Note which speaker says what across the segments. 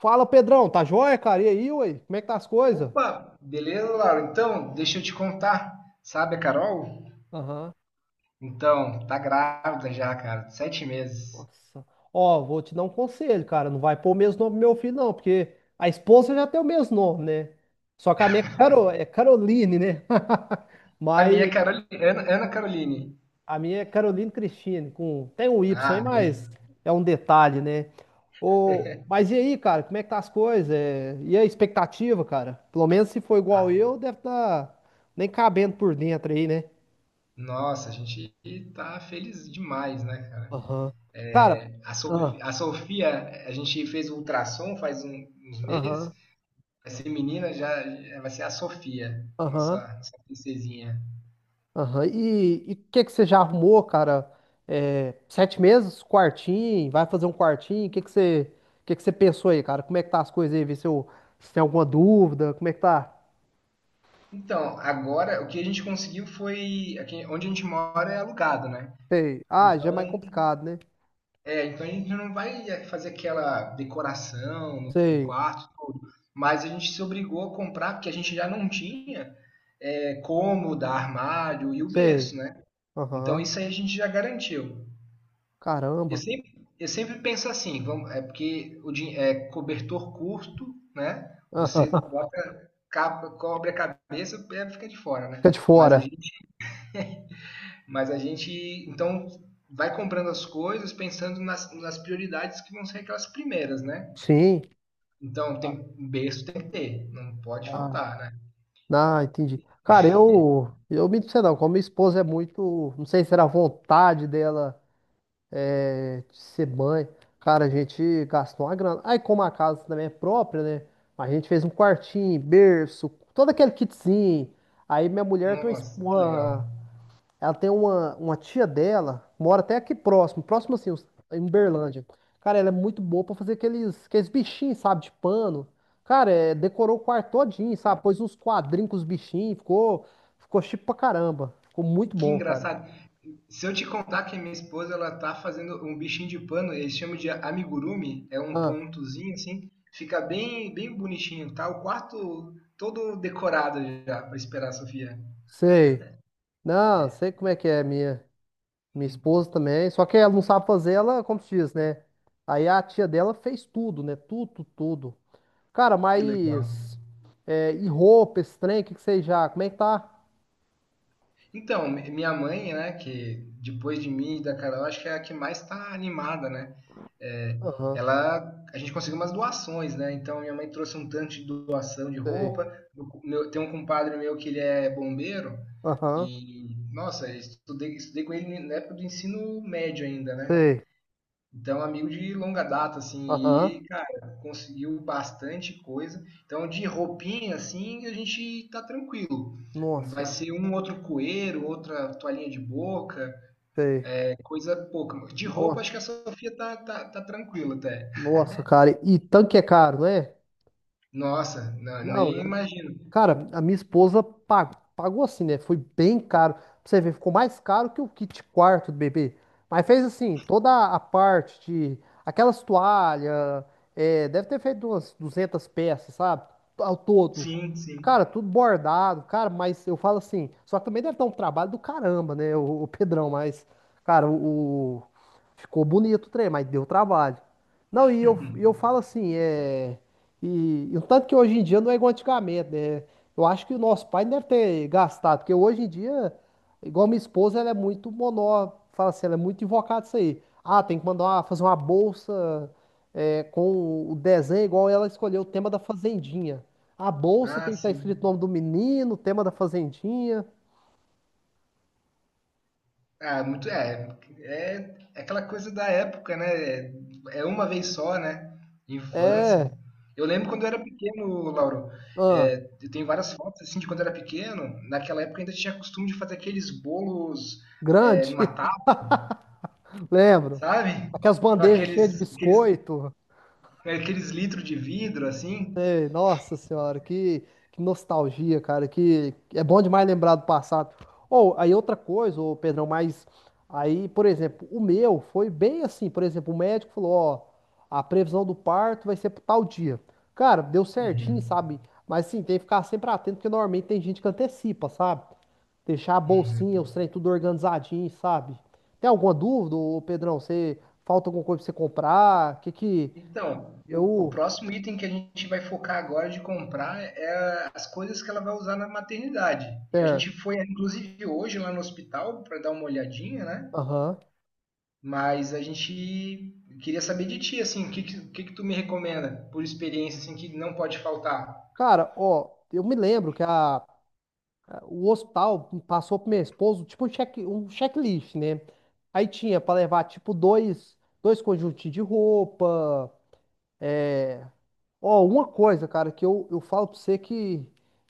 Speaker 1: Fala, Pedrão, tá joia, cara? E aí, ué? Como é que tá as coisas?
Speaker 2: Opa, beleza, Laura? Então, deixa eu te contar. Sabe a Carol?
Speaker 1: Aham.
Speaker 2: Então, tá grávida já, cara, de 7 meses.
Speaker 1: Nossa. Ó, vou te dar um conselho, cara. Não vai pôr o mesmo nome pro meu filho, não, porque a esposa já tem o mesmo nome, né? Só que a minha é, é Caroline, né?
Speaker 2: A minha é
Speaker 1: Mas
Speaker 2: Ana, Ana Caroline.
Speaker 1: a minha é Caroline Cristine, com... tem um Y aí,
Speaker 2: Ah, be-
Speaker 1: mas é um detalhe, né? Mas e aí, cara, como é que tá as coisas? E a expectativa, cara? Pelo menos se for igual
Speaker 2: ah,
Speaker 1: eu, deve tá nem cabendo por dentro aí, né?
Speaker 2: nossa, a gente tá feliz demais, né, cara?
Speaker 1: Aham. Cara.
Speaker 2: É, a
Speaker 1: Aham.
Speaker 2: Sofi- a Sofia, a gente fez o ultrassom faz uns meses.
Speaker 1: Aham,
Speaker 2: Vai ser menina, já vai ser a Sofia,
Speaker 1: aham,
Speaker 2: nossa, nossa princesinha.
Speaker 1: aham. E o que que você já arrumou, cara? 7 meses? Quartinho? Vai fazer um quartinho? O que que você, Que você pensou aí, cara? Como é que tá as coisas aí? Vê se, se tem alguma dúvida. Como é que tá?
Speaker 2: Então, agora o que a gente conseguiu foi. Aqui, onde a gente mora é alugado, né?
Speaker 1: Sei. Ah, já é
Speaker 2: Então,
Speaker 1: mais complicado, né?
Speaker 2: então, a gente não vai fazer aquela decoração no
Speaker 1: Sei,
Speaker 2: quarto, tudo. Mas a gente se obrigou a comprar, porque a gente já não tinha cômoda, armário e o
Speaker 1: sei.
Speaker 2: berço, né? Então
Speaker 1: Aham.
Speaker 2: isso aí a gente já garantiu. Eu
Speaker 1: Caramba.
Speaker 2: sempre, eu sempre penso assim, vamos, é porque é cobertor curto, né?
Speaker 1: Aham.
Speaker 2: Você bota, capa, cobre a cabeça, o fica de fora, né?
Speaker 1: Fica de
Speaker 2: Mas a
Speaker 1: fora.
Speaker 2: gente, mas a gente então vai comprando as coisas pensando nas prioridades que vão ser aquelas primeiras, né?
Speaker 1: Sim.
Speaker 2: Então tem berço tem que ter, não pode
Speaker 1: Ah,
Speaker 2: faltar, né?
Speaker 1: não, entendi. Cara, eu me disse não, como minha esposa é muito, não sei se era a vontade dela. Ser mãe. Cara, a gente gastou uma grana. Aí, como a casa também é própria, né? A gente fez um quartinho, berço, todo aquele kitzinho. Aí, minha mulher tem uma, es-
Speaker 2: Nossa, que legal.
Speaker 1: uma- ela tem uma tia dela, mora até aqui próximo, próximo assim, em Uberlândia. Cara, ela é muito boa pra fazer aqueles bichinhos, sabe, de pano. Cara, decorou o quarto todinho, sabe? Pôs uns quadrinhos com os bichinhos, ficou chique pra caramba. Ficou muito
Speaker 2: Que
Speaker 1: bom, cara.
Speaker 2: engraçado. Se eu te contar que a minha esposa ela tá fazendo um bichinho de pano, eles chamam de amigurumi, é um
Speaker 1: Ah,
Speaker 2: pontozinho assim, fica bem bem bonitinho, tá? O quarto todo decorado já para esperar a Sofia.
Speaker 1: sei. Não, sei como é que é, minha. Minha esposa também. Só que ela não sabe fazer, ela, como se diz, né? Aí a tia dela fez tudo, né? Tudo, tudo. Cara,
Speaker 2: Que legal.
Speaker 1: mas. E roupa, esse trem, o que que vocês já. Como é que tá?
Speaker 2: Então, minha mãe, né, que depois de mim e da Carol, acho que é a que mais tá animada, né? é,
Speaker 1: Aham,
Speaker 2: Ela a gente conseguiu umas doações, né? Então minha mãe trouxe um tanto de doação de
Speaker 1: sei.
Speaker 2: roupa. Meu, tem um compadre meu que ele é bombeiro
Speaker 1: Aham,
Speaker 2: e nossa, eu estudei com ele na época do ensino médio ainda, né?
Speaker 1: sei.
Speaker 2: Então amigo de longa data assim
Speaker 1: Aham.
Speaker 2: e cara conseguiu bastante coisa. Então de roupinha assim a gente tá tranquilo. Vai
Speaker 1: Nossa,
Speaker 2: ser um outro coeiro, outra toalhinha de boca,
Speaker 1: sei.
Speaker 2: é coisa pouca. De roupa, acho
Speaker 1: Nossa,
Speaker 2: que a Sofia tá tranquila até.
Speaker 1: nossa, cara. E tanque é caro, não é?
Speaker 2: Nossa,
Speaker 1: Não,
Speaker 2: nem imagino.
Speaker 1: cara, a minha esposa pagou assim, né? Foi bem caro. Pra você ver, ficou mais caro que o kit quarto do bebê. Mas fez assim, toda a parte de aquelas toalhas, deve ter feito umas 200 peças, sabe? Ao todo.
Speaker 2: Sim, sim.
Speaker 1: Cara, tudo bordado, cara, mas eu falo assim, só que também deve dar um trabalho do caramba, né? O Pedrão, mas, cara, ficou bonito o trem, mas deu trabalho. Não, e eu falo assim. E o tanto que hoje em dia não é igual antigamente, né? Eu acho que o nosso pai deve ter gastado, porque hoje em dia, igual minha esposa, ela é muito monó, fala assim, ela é muito invocada isso aí. Ah, tem que mandar fazer uma bolsa com o desenho, igual ela escolheu o tema da Fazendinha. A bolsa
Speaker 2: Ah,
Speaker 1: tem que estar
Speaker 2: sim.
Speaker 1: escrito o nome do menino, o tema da Fazendinha.
Speaker 2: Ah, muito é aquela coisa da época, né? É, é uma vez só, né?
Speaker 1: É,
Speaker 2: Infância. Eu lembro quando eu era pequeno, Lauro.
Speaker 1: ah,
Speaker 2: Eu tenho várias fotos assim de quando eu era pequeno. Naquela época ainda tinha costume de fazer aqueles bolos
Speaker 1: grande,
Speaker 2: numa tábua,
Speaker 1: lembro.
Speaker 2: sabe?
Speaker 1: Aquelas
Speaker 2: Com
Speaker 1: bandejas cheias de biscoito.
Speaker 2: aqueles litros de vidro assim.
Speaker 1: Nossa senhora, que nostalgia, cara, que é bom demais lembrar do passado. Ou aí outra coisa, ô Pedrão, mas aí, por exemplo, o meu foi bem assim, por exemplo, o médico falou, ó, a previsão do parto vai ser pro tal dia. Cara, deu certinho,
Speaker 2: Uhum.
Speaker 1: sabe? Mas sim, tem que ficar sempre atento, porque normalmente tem gente que antecipa, sabe? Deixar a bolsinha,
Speaker 2: Uhum.
Speaker 1: os trem tudo organizadinho, sabe? Tem alguma dúvida, ô Pedrão? Você falta alguma coisa pra você comprar? Que
Speaker 2: Então, o
Speaker 1: eu,
Speaker 2: próximo item que a gente vai focar agora de comprar é as coisas que ela vai usar na maternidade. E a
Speaker 1: certo?
Speaker 2: gente foi, inclusive, hoje lá no hospital para dar uma olhadinha, né?
Speaker 1: Aham.
Speaker 2: Mas a gente queria saber de ti, assim, o que que tu me recomenda por experiência, assim, que não pode faltar?
Speaker 1: Cara, ó, eu me lembro que o hospital passou pro meu esposo, tipo, um checklist, né? Aí tinha pra levar, tipo, dois conjuntos de roupa, é, ó, uma coisa, cara, que eu falo pra você que,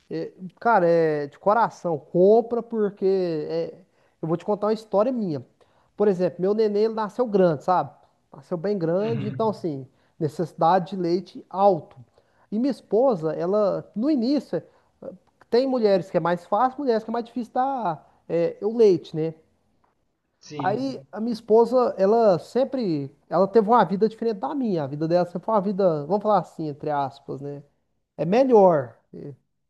Speaker 1: é, cara, é de coração, compra porque é, eu vou te contar uma história minha. Por exemplo, meu neném, ele nasceu grande, sabe? Nasceu bem grande, então,
Speaker 2: Uhum.
Speaker 1: assim, necessidade de leite alto. E minha esposa, ela, no início, tem mulheres que é mais fácil, mulheres que é mais difícil dar o leite, né? Aí
Speaker 2: Sim,
Speaker 1: a minha esposa, ela teve uma vida diferente da minha. A vida dela sempre foi uma vida, vamos falar assim, entre aspas, né? É melhor.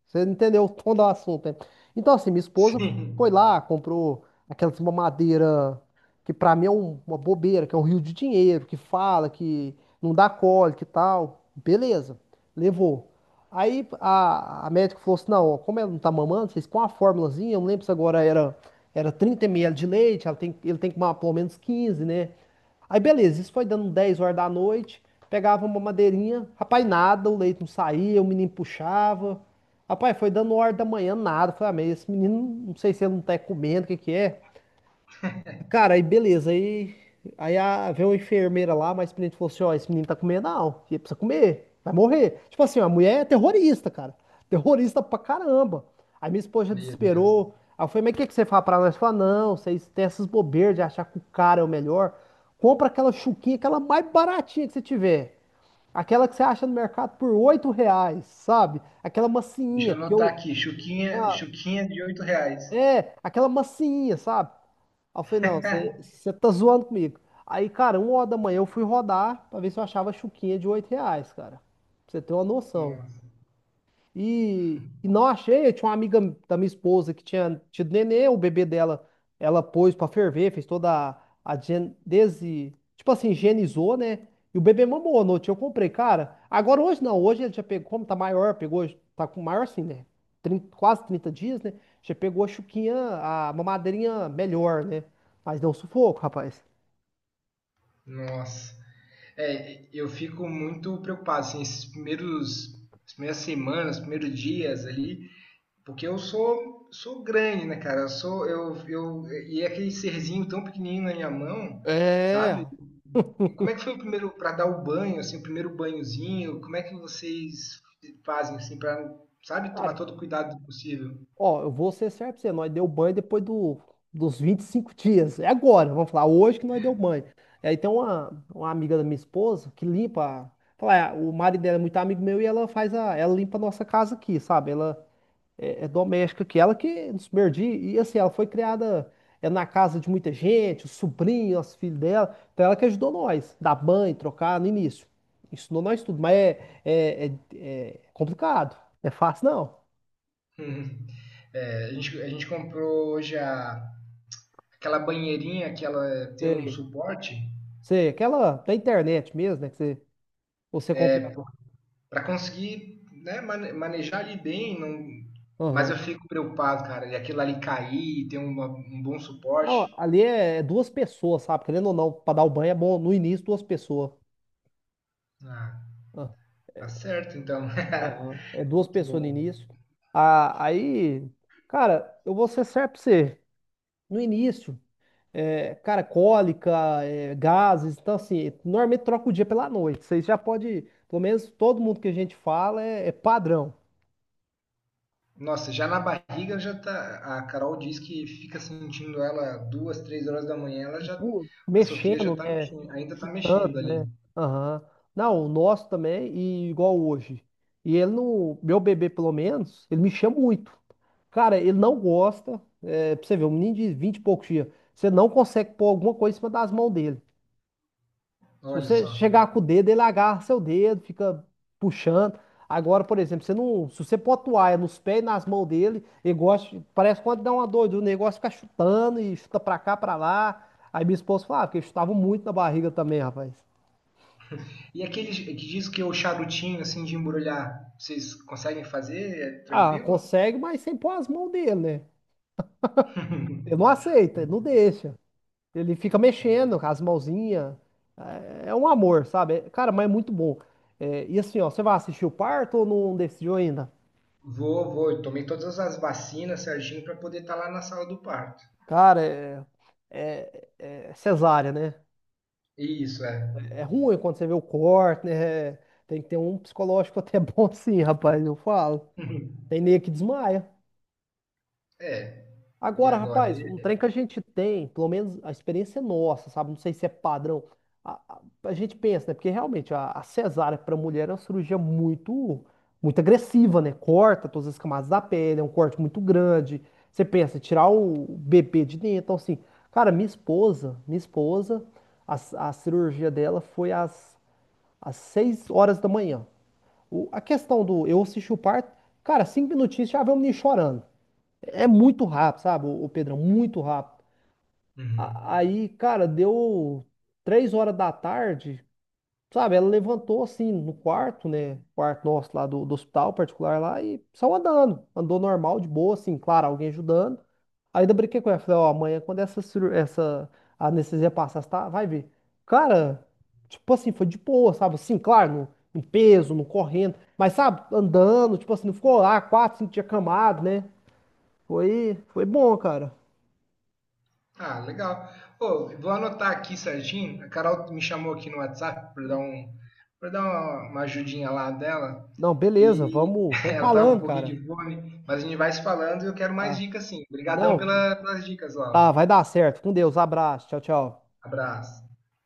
Speaker 1: Você entendeu o tom do assunto, né? Então, assim, minha esposa
Speaker 2: sim.
Speaker 1: foi lá, comprou aquelas mamadeira que pra mim é uma bobeira, que é um rio de dinheiro, que fala, que não dá cólica e tal. Beleza, levou. Aí a médica falou assim: não, ó, como ela não tá mamando, vocês põem uma formulazinha, eu não lembro se agora era 30 ml de leite, ele tem que tomar pelo menos 15, né? Aí beleza, isso foi dando um 10 horas da noite, pegava uma madeirinha, rapaz, nada, o leite não saía, o menino puxava. Rapaz, foi dando hora da manhã, nada. Falei, ah, mas esse menino, não sei se ele não tá comendo, o que que é. Cara, aí beleza. Veio uma enfermeira lá, mas o menino falou assim: ó, esse menino tá comendo não. Ele precisa comer, vai morrer. Tipo assim, a mulher é terrorista, cara. Terrorista pra caramba. Aí minha esposa já
Speaker 2: Meu Deus.
Speaker 1: desesperou. Aí eu falei: mas o que, que você fala pra nós? Fala: não, vocês têm essas bobeiras de achar que o cara é o melhor. Compra aquela chuquinha, aquela mais baratinha que você tiver. Aquela que você acha no mercado por 8 reais, sabe? Aquela
Speaker 2: Deixa eu
Speaker 1: macinha, porque
Speaker 2: anotar
Speaker 1: eu.
Speaker 2: aqui, chuquinha,
Speaker 1: ah,
Speaker 2: chuquinha de R$ 8.
Speaker 1: Aquela massinha, sabe? Aí eu falei, não, você tá zoando comigo. Aí, cara, 1 hora da manhã eu fui rodar pra ver se eu achava chuquinha de 8 reais, cara. Pra você ter uma noção.
Speaker 2: Nossa,
Speaker 1: E não achei. Eu tinha uma amiga da minha esposa que tinha tido nenê, o bebê dela, ela pôs pra ferver, fez toda tipo assim, higienizou, né? E o bebê mamou à noite. Eu comprei, cara. Agora hoje não, hoje ele já pegou, como tá maior, pegou, tá com maior assim, né? 30 quase 30 dias, né? Já pegou a chuquinha, a mamadeirinha melhor, né? Mas deu um sufoco, rapaz.
Speaker 2: nossa. É, eu fico muito preocupado, assim, esses primeiros, as primeiras semanas, os primeiros dias ali, porque eu sou grande, né, cara? Eu sou, eu, e é aquele serzinho tão pequenininho na minha mão,
Speaker 1: É,
Speaker 2: sabe? E como é que foi o primeiro, para dar o banho, assim, o primeiro banhozinho? Como é que vocês fazem, assim, para, sabe, tomar
Speaker 1: cara.
Speaker 2: todo o cuidado possível?
Speaker 1: Ó, eu vou ser certo pra você, nós deu banho dos 25 dias. É agora, vamos falar, hoje que nós deu banho. E aí tem uma amiga da minha esposa que limpa. Fala, ah, o marido dela é muito amigo meu e ela faz a. Ela limpa a nossa casa aqui, sabe? Ela é doméstica aqui. Ela que nos perdi. E assim, ela foi criada na casa de muita gente, o sobrinho, os filhos dela. Então ela que ajudou nós, dar banho, trocar no início. Ensinou nós tudo, mas é complicado. Não é fácil, não.
Speaker 2: Uhum. É, a gente comprou hoje a, aquela banheirinha que ela tem um
Speaker 1: É.
Speaker 2: suporte
Speaker 1: Sei, aquela da internet mesmo, né? Que você compra.
Speaker 2: é, para conseguir né, manejar ali bem. Não... Mas eu
Speaker 1: Aham.
Speaker 2: fico preocupado, cara, de aquilo ali cair e ter um bom suporte.
Speaker 1: Não, ali é duas pessoas, sabe? Querendo ou não, para dar o banho é bom no início duas pessoas.
Speaker 2: Ah,
Speaker 1: Ah,
Speaker 2: tá certo, então.
Speaker 1: aham. É duas
Speaker 2: Muito
Speaker 1: pessoas no
Speaker 2: bom.
Speaker 1: início. Ah, aí, cara, eu vou ser certo pra você. No início, cara, cólica, gases, então assim, normalmente troca o dia pela noite. Vocês já pode, pelo menos todo mundo que a gente fala é padrão.
Speaker 2: Nossa, já na barriga já tá. A Carol diz que fica sentindo ela duas, três horas da manhã, ela já. A Sofia já
Speaker 1: Mexendo,
Speaker 2: tá
Speaker 1: né?
Speaker 2: mexendo, ainda tá mexendo ali.
Speaker 1: Aham. Não, o nosso também, e igual hoje. E ele não. Meu bebê, pelo menos, ele me chama muito. Cara, ele não gosta. É, pra você ver, um menino de 20 e poucos dias. Você não consegue pôr alguma coisa em cima das mãos dele. Se
Speaker 2: Olha
Speaker 1: você
Speaker 2: só.
Speaker 1: chegar com o dedo, ele agarra seu dedo, fica puxando. Agora, por exemplo, você não, se você pôr toalha nos pés e nas mãos dele, ele gosta. Parece quando dá uma doida, o negócio fica chutando e chuta pra cá, pra lá. Aí minha esposa falava que eu chutava muito na barriga também, rapaz.
Speaker 2: E aquele que diz que é o charutinho assim de embrulhar, vocês conseguem fazer? É
Speaker 1: Ah,
Speaker 2: tranquilo?
Speaker 1: consegue, mas sem pôr as mãos dele, né? Ele não aceita, ele não deixa. Ele fica mexendo com as mãozinhas. É um amor, sabe? Cara, mas é muito bom. É, e assim, ó, você vai assistir o parto ou não decidiu ainda?
Speaker 2: Vou, vou. Eu tomei todas as vacinas certinho para poder estar lá na sala do parto.
Speaker 1: Cara, é cesárea, né?
Speaker 2: Isso, é.
Speaker 1: É ruim quando você vê o corte, né? Tem que ter um psicológico até bom sim, rapaz, eu falo. Tem nego que desmaia.
Speaker 2: É. E
Speaker 1: Agora,
Speaker 2: agora?
Speaker 1: rapaz, um trem que a gente tem, pelo menos a experiência é nossa, sabe? Não sei se é padrão. A, a- a gente pensa, né? Porque realmente a cesárea para mulher é uma cirurgia muito, muito agressiva, né? Corta todas as camadas da pele, é um corte muito grande. Você pensa, tirar o bebê de dentro. Então, assim, cara, minha esposa, a, a cirurgia dela foi às 6 horas da manhã. A questão do eu assisti o parto, cara, 5 minutinhos já vê o menino chorando. É muito rápido, sabe, o Pedrão? Muito rápido.
Speaker 2: Uhum.
Speaker 1: Aí, cara, deu 3 horas da tarde, sabe? Ela levantou assim no quarto, né? Quarto nosso lá do hospital particular lá e saiu andando. Andou normal, de boa, assim, claro, alguém ajudando. Aí, ainda brinquei com ela, falei, ó, amanhã quando essa anestesia passar, você tá? Vai ver. Cara, tipo assim, foi de boa, sabe? Assim, claro, no peso, no correndo, mas sabe, andando, tipo assim, não ficou lá 4, 5 dias camado, né? Foi bom, cara.
Speaker 2: Ah, legal. Pô, vou anotar aqui certinho. A Carol me chamou aqui no WhatsApp para dar
Speaker 1: Não,
Speaker 2: para dar uma ajudinha lá dela.
Speaker 1: não, beleza,
Speaker 2: E
Speaker 1: vamos, vamos
Speaker 2: ela tava com um
Speaker 1: falando,
Speaker 2: pouquinho
Speaker 1: cara.
Speaker 2: de fome, mas a gente vai se falando e eu quero mais
Speaker 1: Ah,
Speaker 2: dicas sim. Obrigadão
Speaker 1: não,
Speaker 2: pelas dicas, Laura.
Speaker 1: tá, vai dar certo. Com Deus, abraço, tchau, tchau.
Speaker 2: Abraço.